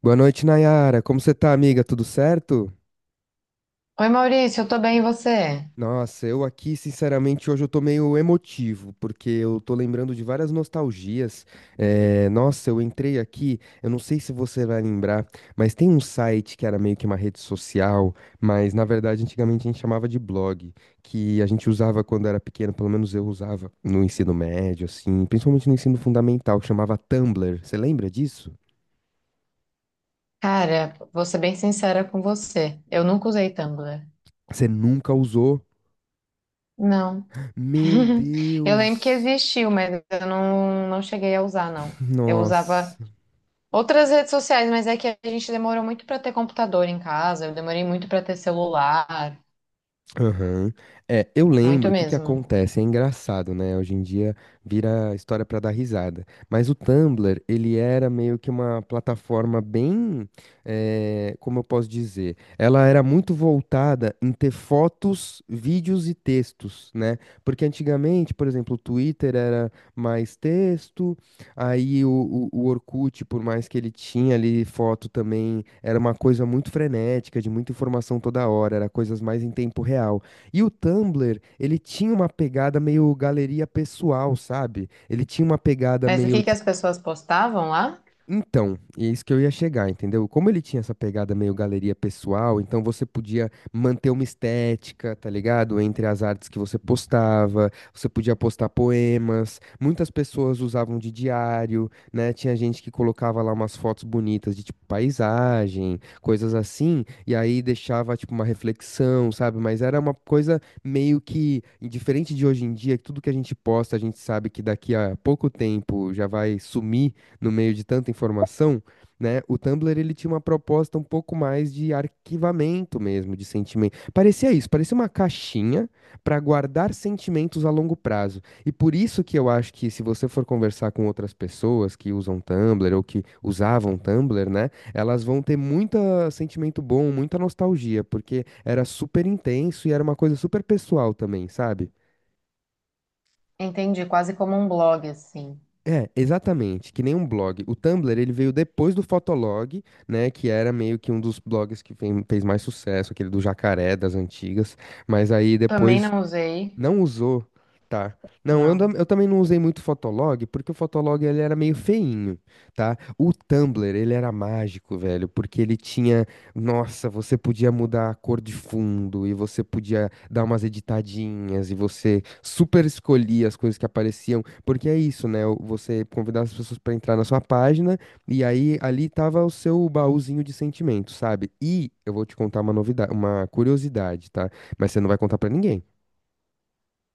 Boa noite, Nayara. Como você tá, amiga? Tudo certo? Oi, Maurício, eu tô bem, e você? Nossa, eu aqui, sinceramente, hoje eu tô meio emotivo, porque eu tô lembrando de várias nostalgias. Nossa, eu entrei aqui, eu não sei se você vai lembrar, mas tem um site que era meio que uma rede social, mas na verdade antigamente a gente chamava de blog, que a gente usava quando era pequeno, pelo menos eu usava no ensino médio, assim, principalmente no ensino fundamental, que chamava Tumblr. Você lembra disso? Cara, vou ser bem sincera com você. Eu nunca usei Tumblr. Você nunca usou? Não. Meu Eu lembro que Deus! existiu, mas eu não cheguei a usar, não. Eu Nossa. usava outras redes sociais, mas é que a gente demorou muito pra ter computador em casa, eu demorei muito pra ter celular, Aham. É, eu lembro muito o que que mesmo. acontece, é engraçado, né? Hoje em dia vira história pra dar risada. Mas o Tumblr, ele era meio que uma plataforma bem, como eu posso dizer, ela era muito voltada em ter fotos, vídeos e textos, né? Porque antigamente, por exemplo, o Twitter era mais texto. Aí o Orkut, por mais que ele tinha ali foto também, era uma coisa muito frenética, de muita informação toda hora, era coisas mais em tempo real. E o Tumblr, ele tinha uma pegada meio galeria pessoal, sabe? Ele tinha uma pegada Mas o meio que que as pessoas postavam lá? então, é isso que eu ia chegar, entendeu? Como ele tinha essa pegada meio galeria pessoal, então você podia manter uma estética, tá ligado? Entre as artes que você postava, você podia postar poemas, muitas pessoas usavam de diário, né? Tinha gente que colocava lá umas fotos bonitas de tipo paisagem, coisas assim, e aí deixava tipo uma reflexão, sabe? Mas era uma coisa meio que diferente de hoje em dia, que tudo que a gente posta, a gente sabe que daqui a pouco tempo já vai sumir no meio de tanta informação, né? O Tumblr ele tinha uma proposta um pouco mais de arquivamento mesmo, de sentimento. Parecia isso, parecia uma caixinha para guardar sentimentos a longo prazo. E por isso que eu acho que se você for conversar com outras pessoas que usam Tumblr ou que usavam Tumblr, né, elas vão ter muito sentimento bom, muita nostalgia, porque era super intenso e era uma coisa super pessoal também, sabe? Entendi, quase como um blog, assim. É, exatamente, que nem um blog. O Tumblr, ele veio depois do Fotolog, né, que era meio que um dos blogs que fez mais sucesso, aquele do jacaré das antigas, mas aí Também depois não usei, não usou, tá? Não, eu, não. tam- eu também não usei muito o Fotolog, porque o Fotolog ele era meio feinho, tá? O Tumblr, ele era mágico, velho, porque ele tinha, nossa, você podia mudar a cor de fundo e você podia dar umas editadinhas e você super escolhia as coisas que apareciam, porque é isso, né? Você convidava as pessoas pra entrar na sua página e aí ali tava o seu baúzinho de sentimentos, sabe? E eu vou te contar uma novidade, uma curiosidade, tá? Mas você não vai contar pra ninguém.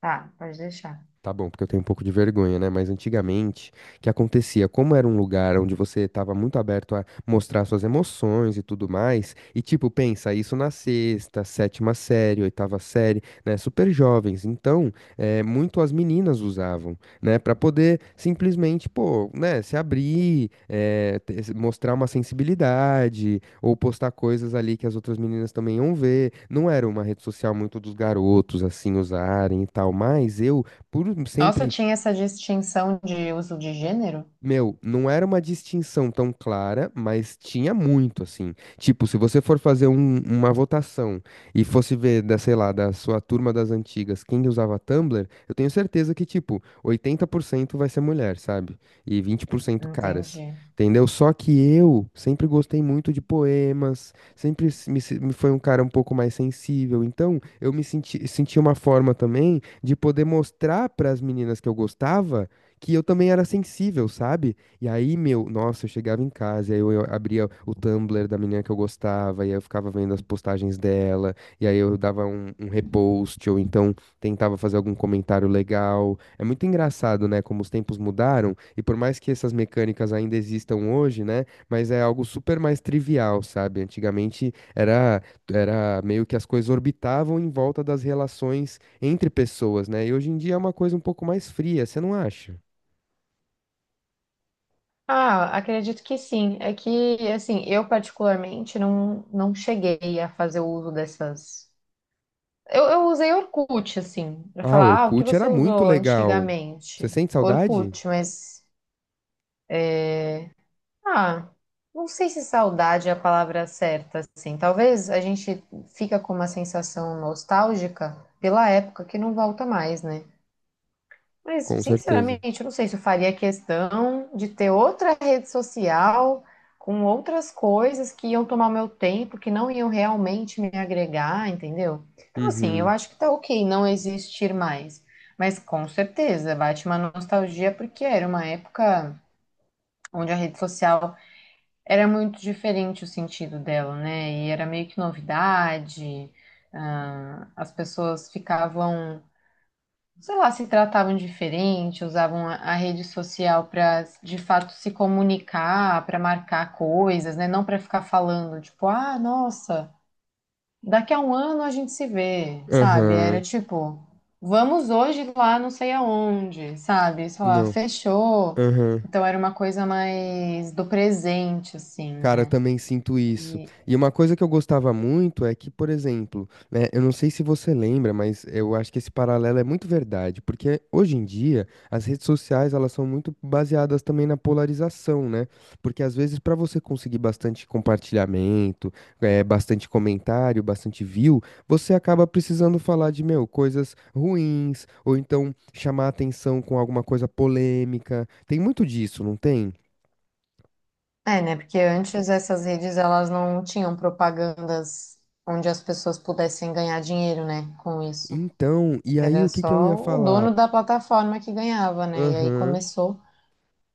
Tá, pode deixar. Tá bom, porque eu tenho um pouco de vergonha, né? Mas antigamente, o que acontecia? Como era um lugar onde você estava muito aberto a mostrar suas emoções e tudo mais, e tipo, pensa isso na sexta, sétima série, oitava série, né? Super jovens. Então, é, muito as meninas usavam, né? Pra poder simplesmente, pô, né? Se abrir, mostrar uma sensibilidade, ou postar coisas ali que as outras meninas também iam ver. Não era uma rede social muito dos garotos, assim, usarem e tal, mas eu por Nossa, sempre, tinha essa distinção de uso de gênero? meu, não era uma distinção tão clara, mas tinha muito, assim. Tipo, se você for fazer uma votação e fosse ver, da, sei lá, da sua turma das antigas, quem usava Tumblr, eu tenho certeza que, tipo, 80% vai ser mulher, sabe? E 20% Entendi. caras. Entendeu? Só que eu sempre gostei muito de poemas, sempre me foi um cara um pouco mais sensível, então eu senti uma forma também de poder mostrar para as meninas que eu gostava que eu também era sensível, sabe? E aí, meu, nossa, eu chegava em casa, e aí eu abria o Tumblr da menina que eu gostava, e aí eu ficava vendo as postagens dela, e aí eu dava um repost, ou então tentava fazer algum comentário legal. É muito engraçado, né, como os tempos mudaram, e por mais que essas mecânicas ainda existam hoje, né, mas é algo super mais trivial, sabe? Era meio que as coisas orbitavam em volta das relações entre pessoas, né? E hoje em dia é uma coisa um pouco mais fria, você não acha? Ah, acredito que sim. É que, assim, eu particularmente não cheguei a fazer o uso dessas. Eu usei Orkut, assim, pra Ah, falar, ah, o que Orkut você era muito usou legal. Você antigamente? sente saudade? Orkut, mas, ah, não sei se saudade é a palavra certa, assim. Talvez a gente fica com uma sensação nostálgica pela época que não volta mais, né? Mas, Com certeza. sinceramente, eu não sei se eu faria questão de ter outra rede social com outras coisas que iam tomar meu tempo, que não iam realmente me agregar, entendeu? Então, assim, eu Uhum. acho que tá ok não existir mais. Mas com certeza bate uma nostalgia, porque era uma época onde a rede social era muito diferente o sentido dela, né? E era meio que novidade, ah, as pessoas ficavam sei lá, se tratavam diferente, usavam a rede social para de fato se comunicar, para marcar coisas, né? Não para ficar falando, tipo, ah, nossa, daqui a um ano a gente se vê, sabe? Era Aham. tipo, vamos hoje lá não sei aonde, sabe? Sei lá, Não. fechou. Aham. Então era uma coisa mais do presente, assim, Cara, eu né? também sinto isso. E, E uma coisa que eu gostava muito é que, por exemplo, né, eu não sei se você lembra, mas eu acho que esse paralelo é muito verdade, porque hoje em dia as redes sociais elas são muito baseadas também na polarização, né? Porque às vezes para você conseguir bastante compartilhamento, é, bastante comentário, bastante view, você acaba precisando falar de, meu, coisas ruins, ou então chamar atenção com alguma coisa polêmica. Tem muito disso, não tem? é, né? Porque antes essas redes elas não tinham propagandas onde as pessoas pudessem ganhar dinheiro, né, com isso. Então, e aí Era o que que eu só ia o falar? dono da plataforma que ganhava, né? E aí Aham, começou,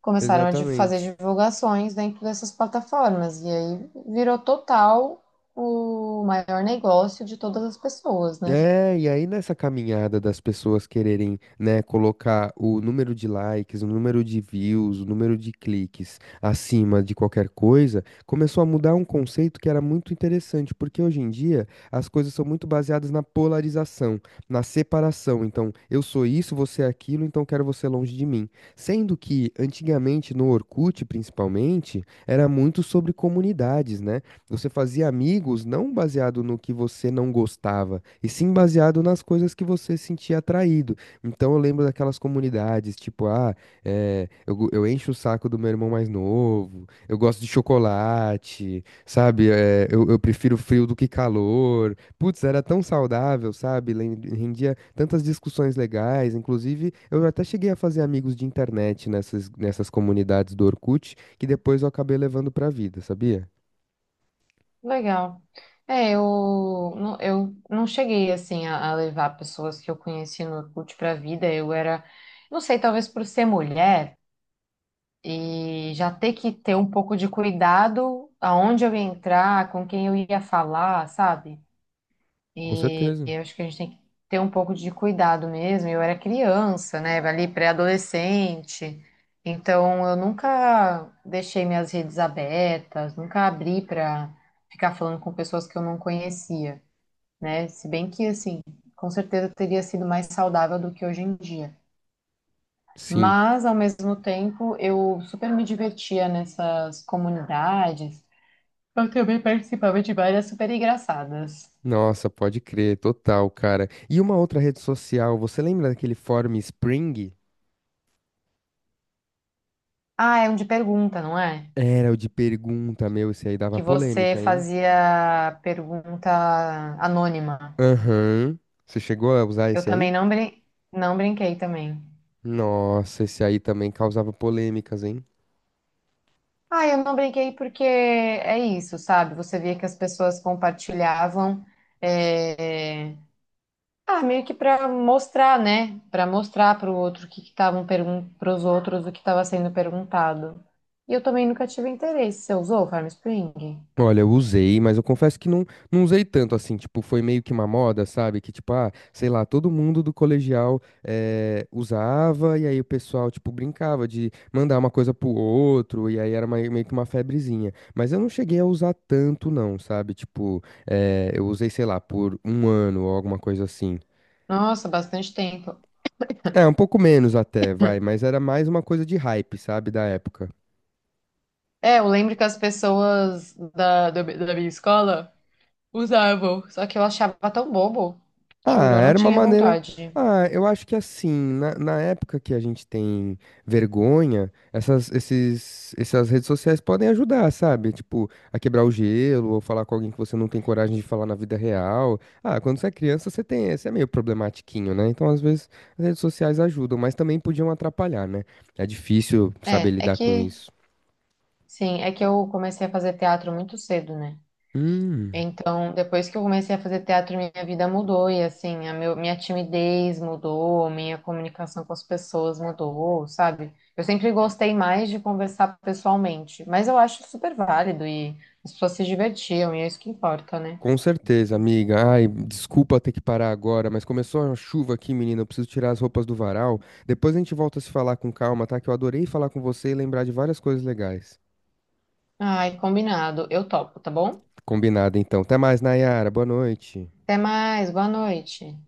começaram a fazer exatamente. divulgações dentro dessas plataformas. E aí virou total o maior negócio de todas as pessoas, né? É, e aí nessa caminhada das pessoas quererem, né, colocar o número de likes, o número de views, o número de cliques acima de qualquer coisa, começou a mudar um conceito que era muito interessante, porque hoje em dia as coisas são muito baseadas na polarização, na separação. Então, eu sou isso, você é aquilo, então quero você longe de mim. Sendo que antigamente no Orkut, principalmente, era muito sobre comunidades, né? Você fazia amigos não baseado no que você não gostava, e sim baseado nas coisas que você sentia atraído. Então eu lembro daquelas comunidades, tipo, ah, eu encho o saco do meu irmão mais novo, eu gosto de chocolate, sabe? Eu prefiro frio do que calor. Putz, era tão saudável, sabe? Rendia tantas discussões legais. Inclusive, eu até cheguei a fazer amigos de internet nessas comunidades do Orkut, que depois eu acabei levando pra vida, sabia? Legal. É, eu não cheguei assim a levar pessoas que eu conheci no Orkut para a vida. Eu era, não sei, talvez por ser mulher e já ter que ter um pouco de cuidado aonde eu ia entrar, com quem eu ia falar, sabe? Com E certeza. eu acho que a gente tem que ter um pouco de cuidado mesmo. Eu era criança, né? Ali pré-adolescente. Então eu nunca deixei minhas redes abertas, nunca abri para ficar falando com pessoas que eu não conhecia, né? Se bem que assim, com certeza teria sido mais saudável do que hoje em dia. Sim. Mas ao mesmo tempo, eu super me divertia nessas comunidades. Eu também participava de várias super engraçadas. Nossa, pode crer, total, cara. E uma outra rede social, você lembra daquele fórum Spring? Ah, é um de pergunta, não é? Era o de pergunta, meu, esse aí dava Que você polêmica, hein? fazia pergunta anônima. Aham. Você chegou a usar Eu esse também aí? não, brin não brinquei também. Nossa, esse aí também causava polêmicas, hein? Ah, eu não brinquei porque é isso, sabe? Você via que as pessoas compartilhavam, é, ah, meio que para mostrar, né? Para mostrar para o outro o que estavam perguntando para os outros o que estava sendo perguntado. E eu também nunca tive interesse. Você usou o Farm Spring? Olha, eu usei, mas eu confesso que não usei tanto assim, tipo, foi meio que uma moda, sabe? Que tipo, ah, sei lá, todo mundo do colegial usava e aí o pessoal, tipo, brincava de mandar uma coisa pro outro e aí era meio que uma febrezinha. Mas eu não cheguei a usar tanto não, sabe? Tipo, eu usei, sei lá, por um ano ou alguma coisa assim. Nossa, bastante tempo. É, um pouco menos até, vai, mas era mais uma coisa de hype, sabe, da época. É, eu lembro que as pessoas da minha escola usavam. Só que eu achava tão bobo. Juro, Ah, eu não era uma tinha maneira. vontade. Ah, eu acho que assim, na época que a gente tem vergonha, essas redes sociais podem ajudar, sabe? Tipo, a quebrar o gelo, ou falar com alguém que você não tem coragem de falar na vida real. Ah, quando você é criança, você tem, você é meio problematiquinho, né? Então, às vezes, as redes sociais ajudam, mas também podiam atrapalhar, né? É difícil saber É, é lidar com que, isso. sim, é que eu comecei a fazer teatro muito cedo, né? Hum. Então, depois que eu comecei a fazer teatro, minha vida mudou e, assim, minha timidez mudou, minha comunicação com as pessoas mudou, sabe? Eu sempre gostei mais de conversar pessoalmente, mas eu acho super válido e as pessoas se divertiam e é isso que importa, né? Com certeza, amiga. Ai, desculpa ter que parar agora, mas começou a chuva aqui, menina. Eu preciso tirar as roupas do varal. Depois a gente volta a se falar com calma, tá? Que eu adorei falar com você e lembrar de várias coisas legais. Ai, combinado. Eu topo, tá bom? Combinado, então. Até mais, Nayara. Boa noite. Até mais, boa noite.